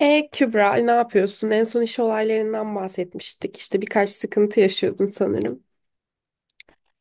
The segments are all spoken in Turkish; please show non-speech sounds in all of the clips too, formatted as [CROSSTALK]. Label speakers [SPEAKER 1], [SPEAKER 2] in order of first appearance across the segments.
[SPEAKER 1] Kübra, ne yapıyorsun? En son iş olaylarından bahsetmiştik. İşte birkaç sıkıntı yaşıyordun sanırım.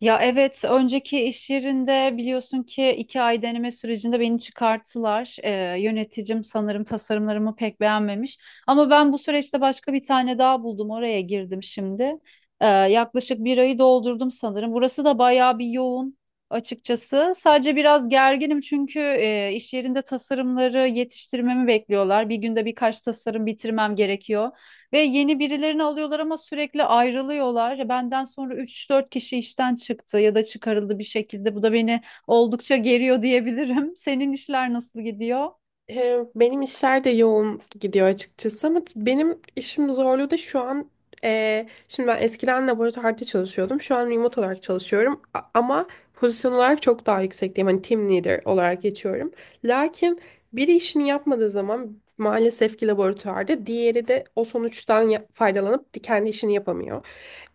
[SPEAKER 2] Ya evet, önceki iş yerinde biliyorsun ki 2 ay deneme sürecinde beni çıkarttılar. Yöneticim sanırım tasarımlarımı pek beğenmemiş. Ama ben bu süreçte başka bir tane daha buldum. Oraya girdim şimdi. Yaklaşık 1 ayı doldurdum sanırım. Burası da bayağı bir yoğun açıkçası. Sadece biraz gerginim çünkü iş yerinde tasarımları yetiştirmemi bekliyorlar. Bir günde birkaç tasarım bitirmem gerekiyor. Ve yeni birilerini alıyorlar ama sürekli ayrılıyorlar. Ya benden sonra 3 4 kişi işten çıktı ya da çıkarıldı bir şekilde. Bu da beni oldukça geriyor diyebilirim. [LAUGHS] Senin işler nasıl gidiyor?
[SPEAKER 1] Benim işler de yoğun gidiyor açıkçası ama benim işim zorluğu da şu an şimdi ben eskiden laboratuvarda çalışıyordum. Şu an remote olarak çalışıyorum ama pozisyon olarak çok daha yüksekteyim. Hani team leader olarak geçiyorum. Lakin biri işini yapmadığı zaman maalesef ki laboratuvarda diğeri de o sonuçtan faydalanıp kendi işini yapamıyor.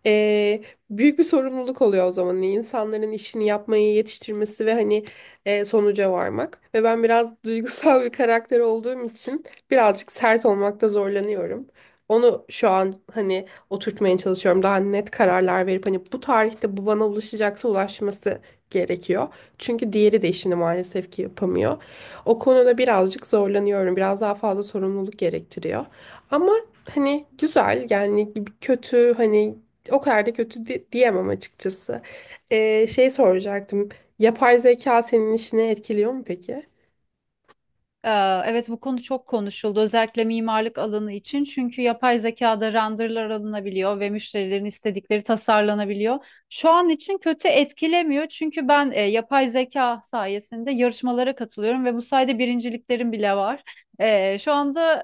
[SPEAKER 1] Ee, Büyük bir sorumluluk oluyor o zaman insanların işini yapmayı yetiştirmesi ve hani sonuca varmak. Ve ben biraz [LAUGHS] duygusal bir karakter olduğum için birazcık sert olmakta zorlanıyorum. Onu şu an hani oturtmaya çalışıyorum. Daha net kararlar verip hani bu tarihte bu bana ulaşacaksa ulaşması gerekiyor. Çünkü diğeri de işini maalesef ki yapamıyor. O konuda birazcık zorlanıyorum. Biraz daha fazla sorumluluk gerektiriyor. Ama hani güzel yani kötü hani o kadar da kötü diyemem açıkçası. Şey soracaktım. Yapay zeka senin işini etkiliyor mu peki?
[SPEAKER 2] Ee, Evet, bu konu çok konuşuldu özellikle mimarlık alanı için çünkü yapay zekada renderlar alınabiliyor ve müşterilerin istedikleri tasarlanabiliyor. Şu an için kötü etkilemiyor çünkü ben yapay zeka sayesinde yarışmalara katılıyorum ve bu sayede birinciliklerim bile var. Şu anda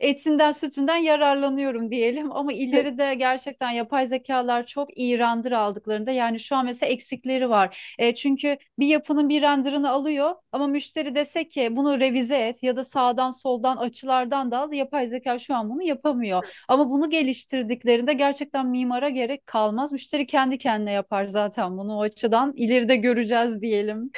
[SPEAKER 2] etinden sütünden yararlanıyorum diyelim [LAUGHS] ama
[SPEAKER 1] [LAUGHS]
[SPEAKER 2] ileride gerçekten yapay zekalar çok iyi render aldıklarında yani şu an mesela eksikleri var. Çünkü bir yapının bir renderını alıyor ama müşteri dese ki bunu revize et ya da sağdan soldan açılardan da al, yapay zeka şu an bunu yapamıyor. Ama bunu geliştirdiklerinde gerçekten mimara gerek kalmaz. Müşteri kendi kendine yapar zaten bunu, o açıdan ileride göreceğiz diyelim.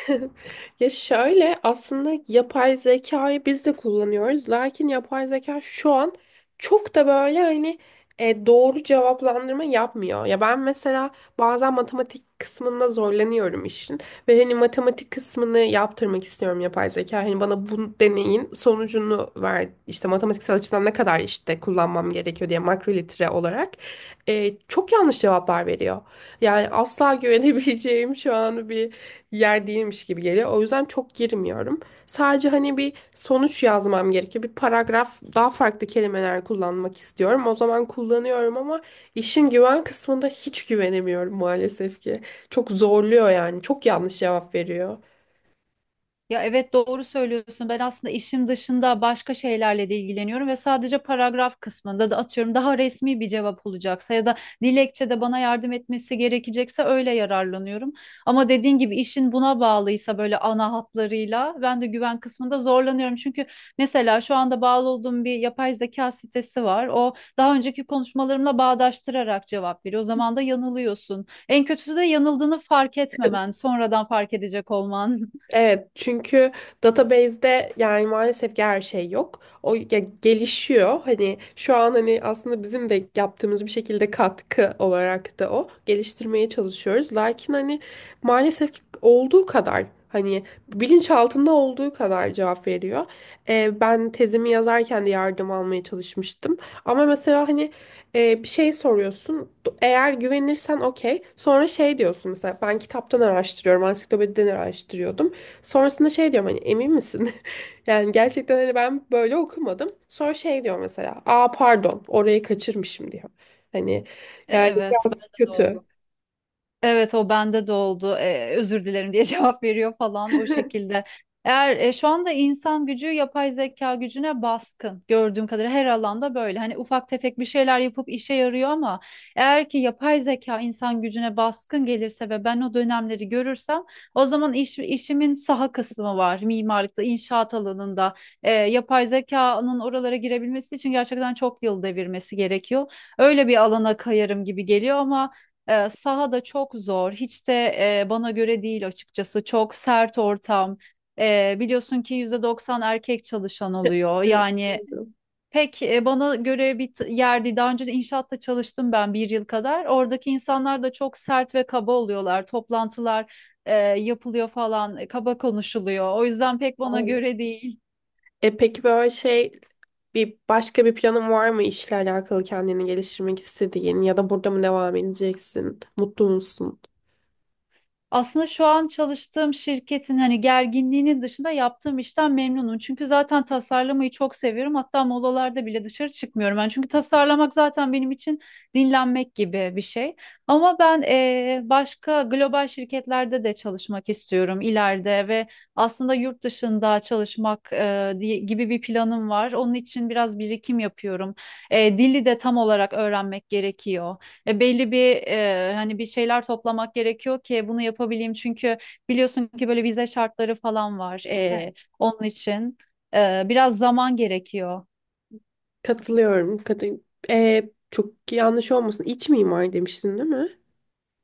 [SPEAKER 1] Ya şöyle aslında yapay zekayı biz de kullanıyoruz. Lakin yapay zeka şu an çok da böyle hani doğru cevaplandırma yapmıyor. Ya ben mesela bazen matematik kısmında zorlanıyorum işin. Ve hani matematik kısmını yaptırmak istiyorum yapay zeka. Hani bana bu deneyin sonucunu ver. İşte matematiksel açıdan ne kadar işte kullanmam gerekiyor diye makrolitre olarak. Çok yanlış cevaplar veriyor. Yani asla [LAUGHS] güvenebileceğim şu an bir yer değilmiş gibi geliyor. O yüzden çok girmiyorum. Sadece hani bir sonuç yazmam gerekiyor. Bir paragraf daha farklı kelimeler kullanmak istiyorum. O zaman kullanıyorum ama işin güven kısmında hiç güvenemiyorum maalesef ki. Çok zorluyor yani. Çok yanlış cevap veriyor.
[SPEAKER 2] Ya evet, doğru söylüyorsun. Ben aslında işim dışında başka şeylerle de ilgileniyorum ve sadece paragraf kısmında da atıyorum daha resmi bir cevap olacaksa ya da dilekçede bana yardım etmesi gerekecekse öyle yararlanıyorum. Ama dediğin gibi işin buna bağlıysa böyle ana hatlarıyla ben de güven kısmında zorlanıyorum. Çünkü mesela şu anda bağlı olduğum bir yapay zeka sitesi var. O daha önceki konuşmalarımla bağdaştırarak cevap veriyor. O zaman da yanılıyorsun. En kötüsü de yanıldığını fark etmemen, sonradan fark edecek olman. [LAUGHS]
[SPEAKER 1] Evet, çünkü database'de yani maalesef ki her şey yok. O ya gelişiyor. Hani şu an hani aslında bizim de yaptığımız bir şekilde katkı olarak da o geliştirmeye çalışıyoruz. Lakin hani maalesef ki olduğu kadar hani bilinçaltında olduğu kadar cevap veriyor. Ben tezimi yazarken de yardım almaya çalışmıştım. Ama mesela hani bir şey soruyorsun. Eğer güvenirsen okey. Sonra şey diyorsun mesela ben kitaptan araştırıyorum, ansiklopediden araştırıyordum. Sonrasında şey diyorum hani emin misin? [LAUGHS] Yani gerçekten hani ben böyle okumadım. Sonra şey diyor mesela. Aa pardon orayı kaçırmışım diyor. Hani yani
[SPEAKER 2] Evet,
[SPEAKER 1] biraz
[SPEAKER 2] bende de
[SPEAKER 1] kötü.
[SPEAKER 2] oldu. Evet, o bende de oldu. Özür dilerim diye [LAUGHS] cevap veriyor falan, o şekilde. Eğer şu anda insan gücü yapay zeka gücüne baskın, gördüğüm kadarıyla her alanda böyle. Hani ufak tefek bir şeyler yapıp işe yarıyor ama eğer ki yapay zeka insan gücüne baskın gelirse ve ben o dönemleri görürsem o zaman işimin saha kısmı var. Mimarlıkta, inşaat alanında yapay zekanın oralara girebilmesi için gerçekten çok yıl devirmesi gerekiyor. Öyle bir alana kayarım gibi geliyor ama saha da çok zor. Hiç de bana göre değil açıkçası. Çok sert ortam. Biliyorsun ki %90 erkek çalışan oluyor.
[SPEAKER 1] Evet,
[SPEAKER 2] Yani
[SPEAKER 1] doğru.
[SPEAKER 2] pek bana göre bir yer değil. Daha önce de inşaatta çalıştım ben 1 yıl kadar. Oradaki insanlar da çok sert ve kaba oluyorlar. Toplantılar yapılıyor falan. Kaba konuşuluyor. O yüzden pek bana
[SPEAKER 1] Doğru.
[SPEAKER 2] göre değil.
[SPEAKER 1] Peki böyle şey bir başka bir planın var mı işle alakalı kendini geliştirmek istediğin ya da burada mı devam edeceksin? Mutlu musun?
[SPEAKER 2] Aslında şu an çalıştığım şirketin hani gerginliğinin dışında yaptığım işten memnunum. Çünkü zaten tasarlamayı çok seviyorum. Hatta molalarda bile dışarı çıkmıyorum ben. Çünkü tasarlamak zaten benim için dinlenmek gibi bir şey. Ama ben başka global şirketlerde de çalışmak istiyorum ileride ve aslında yurt dışında çalışmak gibi bir planım var. Onun için biraz birikim yapıyorum. Dili de tam olarak öğrenmek gerekiyor. Belli bir hani bir şeyler toplamak gerekiyor ki bunu yapabileyim. Çünkü biliyorsun ki böyle vize şartları falan var
[SPEAKER 1] Evet.
[SPEAKER 2] onun için. Biraz zaman gerekiyor.
[SPEAKER 1] Katılıyorum. Çok yanlış olmasın. İç mimar demiştin değil mi?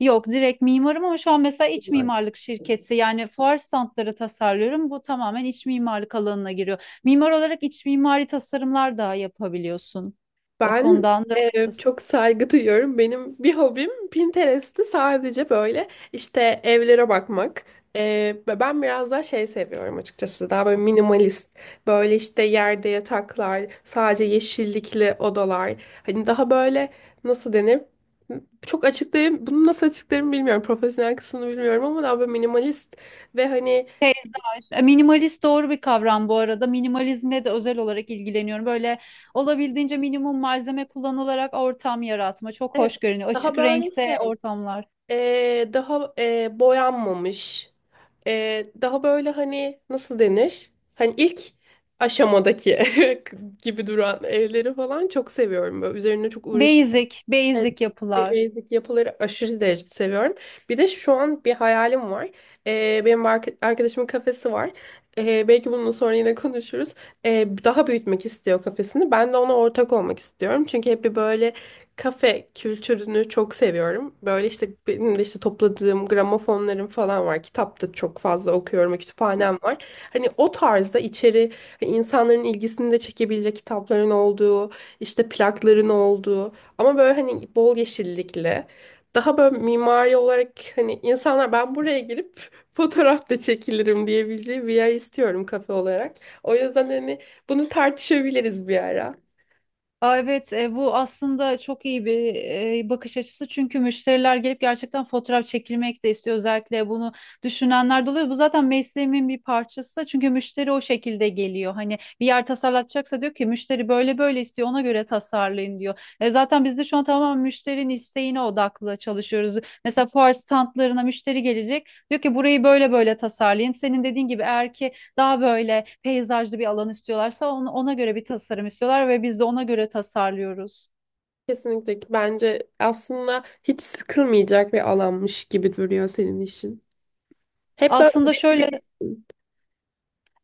[SPEAKER 2] Yok, direkt mimarım ama şu an mesela iç mimarlık şirketi, yani fuar standları tasarlıyorum. Bu tamamen iç mimarlık alanına giriyor. Mimar olarak iç mimari tasarımlar da yapabiliyorsun. O
[SPEAKER 1] Ben
[SPEAKER 2] konudan rahatsız.
[SPEAKER 1] çok saygı duyuyorum. Benim bir hobim Pinterest'te sadece böyle işte evlere bakmak. E, Ve ben biraz daha şey seviyorum açıkçası. Daha böyle minimalist. Böyle işte yerde yataklar, sadece yeşillikli odalar. Hani daha böyle nasıl denir? Çok açıklayayım. Bunu nasıl açıklarım bilmiyorum. Profesyonel kısmını bilmiyorum ama daha böyle minimalist ve hani
[SPEAKER 2] Minimalist doğru bir kavram bu arada. Minimalizmle de özel olarak ilgileniyorum. Böyle olabildiğince minimum malzeme kullanılarak ortam yaratma. Çok
[SPEAKER 1] evet
[SPEAKER 2] hoş görünüyor.
[SPEAKER 1] daha
[SPEAKER 2] Açık
[SPEAKER 1] böyle
[SPEAKER 2] renkte
[SPEAKER 1] şey.
[SPEAKER 2] ortamlar.
[SPEAKER 1] Daha boyanmamış. Daha böyle hani nasıl denir? Hani ilk aşamadaki [LAUGHS] gibi duran evleri falan çok seviyorum. Böyle üzerine çok
[SPEAKER 2] Basic,
[SPEAKER 1] evet,
[SPEAKER 2] basic yapılar.
[SPEAKER 1] basic yapıları aşırı derecede seviyorum. Bir de şu an bir hayalim var. Benim arkadaşımın kafesi var. Belki bununla sonra yine konuşuruz. Daha büyütmek istiyor kafesini. Ben de ona ortak olmak istiyorum. Çünkü hep bir böyle kafe kültürünü çok seviyorum. Böyle işte benim de işte topladığım gramofonlarım falan var. Kitap da çok fazla okuyorum. Kütüphanem var. Hani o tarzda içeri hani insanların ilgisini de çekebilecek kitapların olduğu, işte plakların olduğu. Ama böyle hani bol yeşillikli. Daha böyle mimari olarak hani insanlar ben buraya girip [LAUGHS] fotoğraf da çekilirim diyebileceği bir yer istiyorum kafe olarak. O yüzden hani bunu tartışabiliriz bir ara.
[SPEAKER 2] Aa evet, bu aslında çok iyi bir bakış açısı çünkü müşteriler gelip gerçekten fotoğraf çekilmek de istiyor, özellikle bunu düşünenler de oluyor. Bu zaten mesleğimin bir parçası çünkü müşteri o şekilde geliyor. Hani bir yer tasarlatacaksa diyor ki müşteri, böyle böyle istiyor, ona göre tasarlayın diyor. Zaten biz de şu an tamamen müşterinin isteğine odaklı çalışıyoruz. Mesela fuar standlarına müşteri gelecek, diyor ki burayı böyle böyle tasarlayın. Senin dediğin gibi eğer ki daha böyle peyzajlı bir alan istiyorlarsa ona göre bir tasarım istiyorlar ve biz de ona göre tasarlıyoruz.
[SPEAKER 1] Kesinlikle ki bence aslında hiç sıkılmayacak bir alanmış gibi duruyor senin işin. Hep böyle
[SPEAKER 2] Aslında şöyle
[SPEAKER 1] üretebilirsin.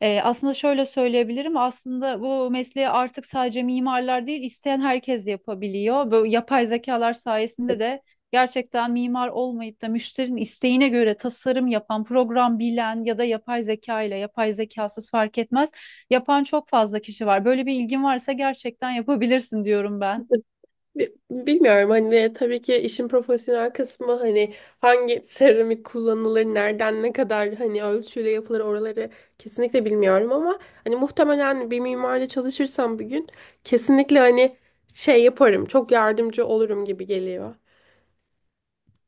[SPEAKER 2] Aslında şöyle söyleyebilirim. Aslında bu mesleği artık sadece mimarlar değil, isteyen herkes yapabiliyor. Bu yapay zekalar sayesinde
[SPEAKER 1] Evet.
[SPEAKER 2] de gerçekten mimar olmayıp da müşterinin isteğine göre tasarım yapan, program bilen ya da yapay zeka ile yapay zekasız fark etmez, yapan çok fazla kişi var. Böyle bir ilgin varsa gerçekten yapabilirsin diyorum ben.
[SPEAKER 1] [LAUGHS] Bilmiyorum hani ve tabii ki işin profesyonel kısmı hani hangi seramik kullanılır, nereden ne kadar hani ölçüyle yapılır oraları kesinlikle bilmiyorum ama hani muhtemelen bir mimarla çalışırsam bir gün kesinlikle hani şey yaparım, çok yardımcı olurum gibi geliyor.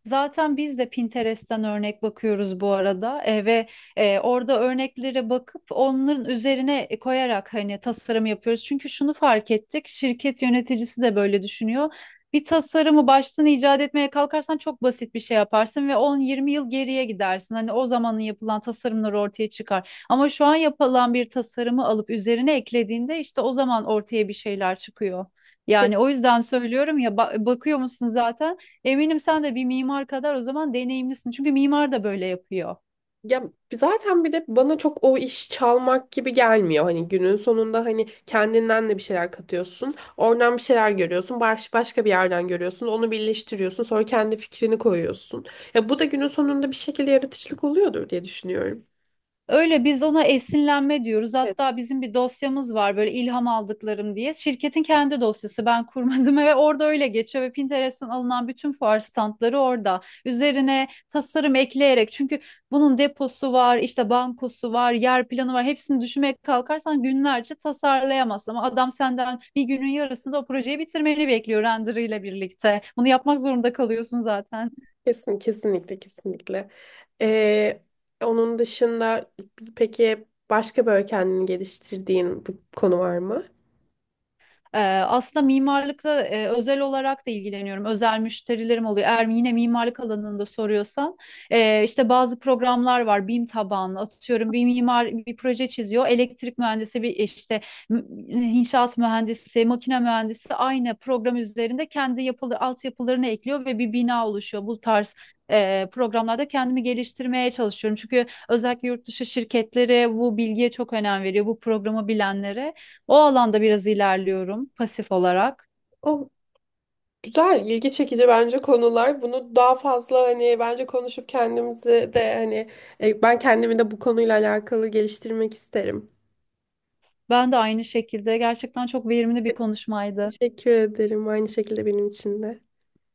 [SPEAKER 2] Zaten biz de Pinterest'ten örnek bakıyoruz bu arada. Orada örneklere bakıp onların üzerine koyarak hani tasarım yapıyoruz. Çünkü şunu fark ettik, şirket yöneticisi de böyle düşünüyor. Bir tasarımı baştan icat etmeye kalkarsan çok basit bir şey yaparsın ve 10-20 yıl geriye gidersin. Hani o zamanın yapılan tasarımlar ortaya çıkar. Ama şu an yapılan bir tasarımı alıp üzerine eklediğinde, işte o zaman ortaya bir şeyler çıkıyor. Yani o yüzden söylüyorum ya, bakıyor musun zaten? Eminim sen de bir mimar kadar o zaman deneyimlisin. Çünkü mimar da böyle yapıyor.
[SPEAKER 1] Ya zaten bir de bana çok o iş çalmak gibi gelmiyor. Hani günün sonunda hani kendinden de bir şeyler katıyorsun. Oradan bir şeyler görüyorsun. Başka bir yerden görüyorsun. Onu birleştiriyorsun. Sonra kendi fikrini koyuyorsun. Ya bu da günün sonunda bir şekilde yaratıcılık oluyordur diye düşünüyorum.
[SPEAKER 2] Öyle, biz ona esinlenme diyoruz.
[SPEAKER 1] Evet.
[SPEAKER 2] Hatta bizim bir dosyamız var böyle, ilham aldıklarım diye. Şirketin kendi dosyası, ben kurmadım [LAUGHS] ve orada öyle geçiyor ve Pinterest'ten alınan bütün fuar standları orada. Üzerine tasarım ekleyerek, çünkü bunun deposu var, işte bankosu var, yer planı var. Hepsini düşünmeye kalkarsan günlerce tasarlayamazsın ama adam senden bir günün yarısında o projeyi bitirmeni bekliyor, render birlikte. Bunu yapmak zorunda kalıyorsun zaten.
[SPEAKER 1] Kesinlikle, kesinlikle. Ee, Onun dışında peki başka böyle kendini geliştirdiğin bir konu var mı?
[SPEAKER 2] Ee, Aslında mimarlıkla özel olarak da ilgileniyorum. Özel müşterilerim oluyor. Eğer yine mimarlık alanında soruyorsan işte bazı programlar var. BİM tabanlı, atıyorum bir mimar bir proje çiziyor. Elektrik mühendisi bir işte m- inşaat mühendisi, makine mühendisi aynı program üzerinde kendi yapılı altyapılarını ekliyor ve bir bina oluşuyor. Bu tarz programlarda kendimi geliştirmeye çalışıyorum. Çünkü özellikle yurt dışı şirketleri bu bilgiye çok önem veriyor. Bu programı bilenlere. O alanda biraz ilerliyorum pasif olarak.
[SPEAKER 1] Güzel, ilgi çekici bence konular. Bunu daha fazla hani bence konuşup kendimizi de hani ben kendimi de bu konuyla alakalı geliştirmek isterim.
[SPEAKER 2] Ben de aynı şekilde, gerçekten çok verimli bir konuşmaydı.
[SPEAKER 1] Teşekkür ederim. Aynı şekilde benim için de.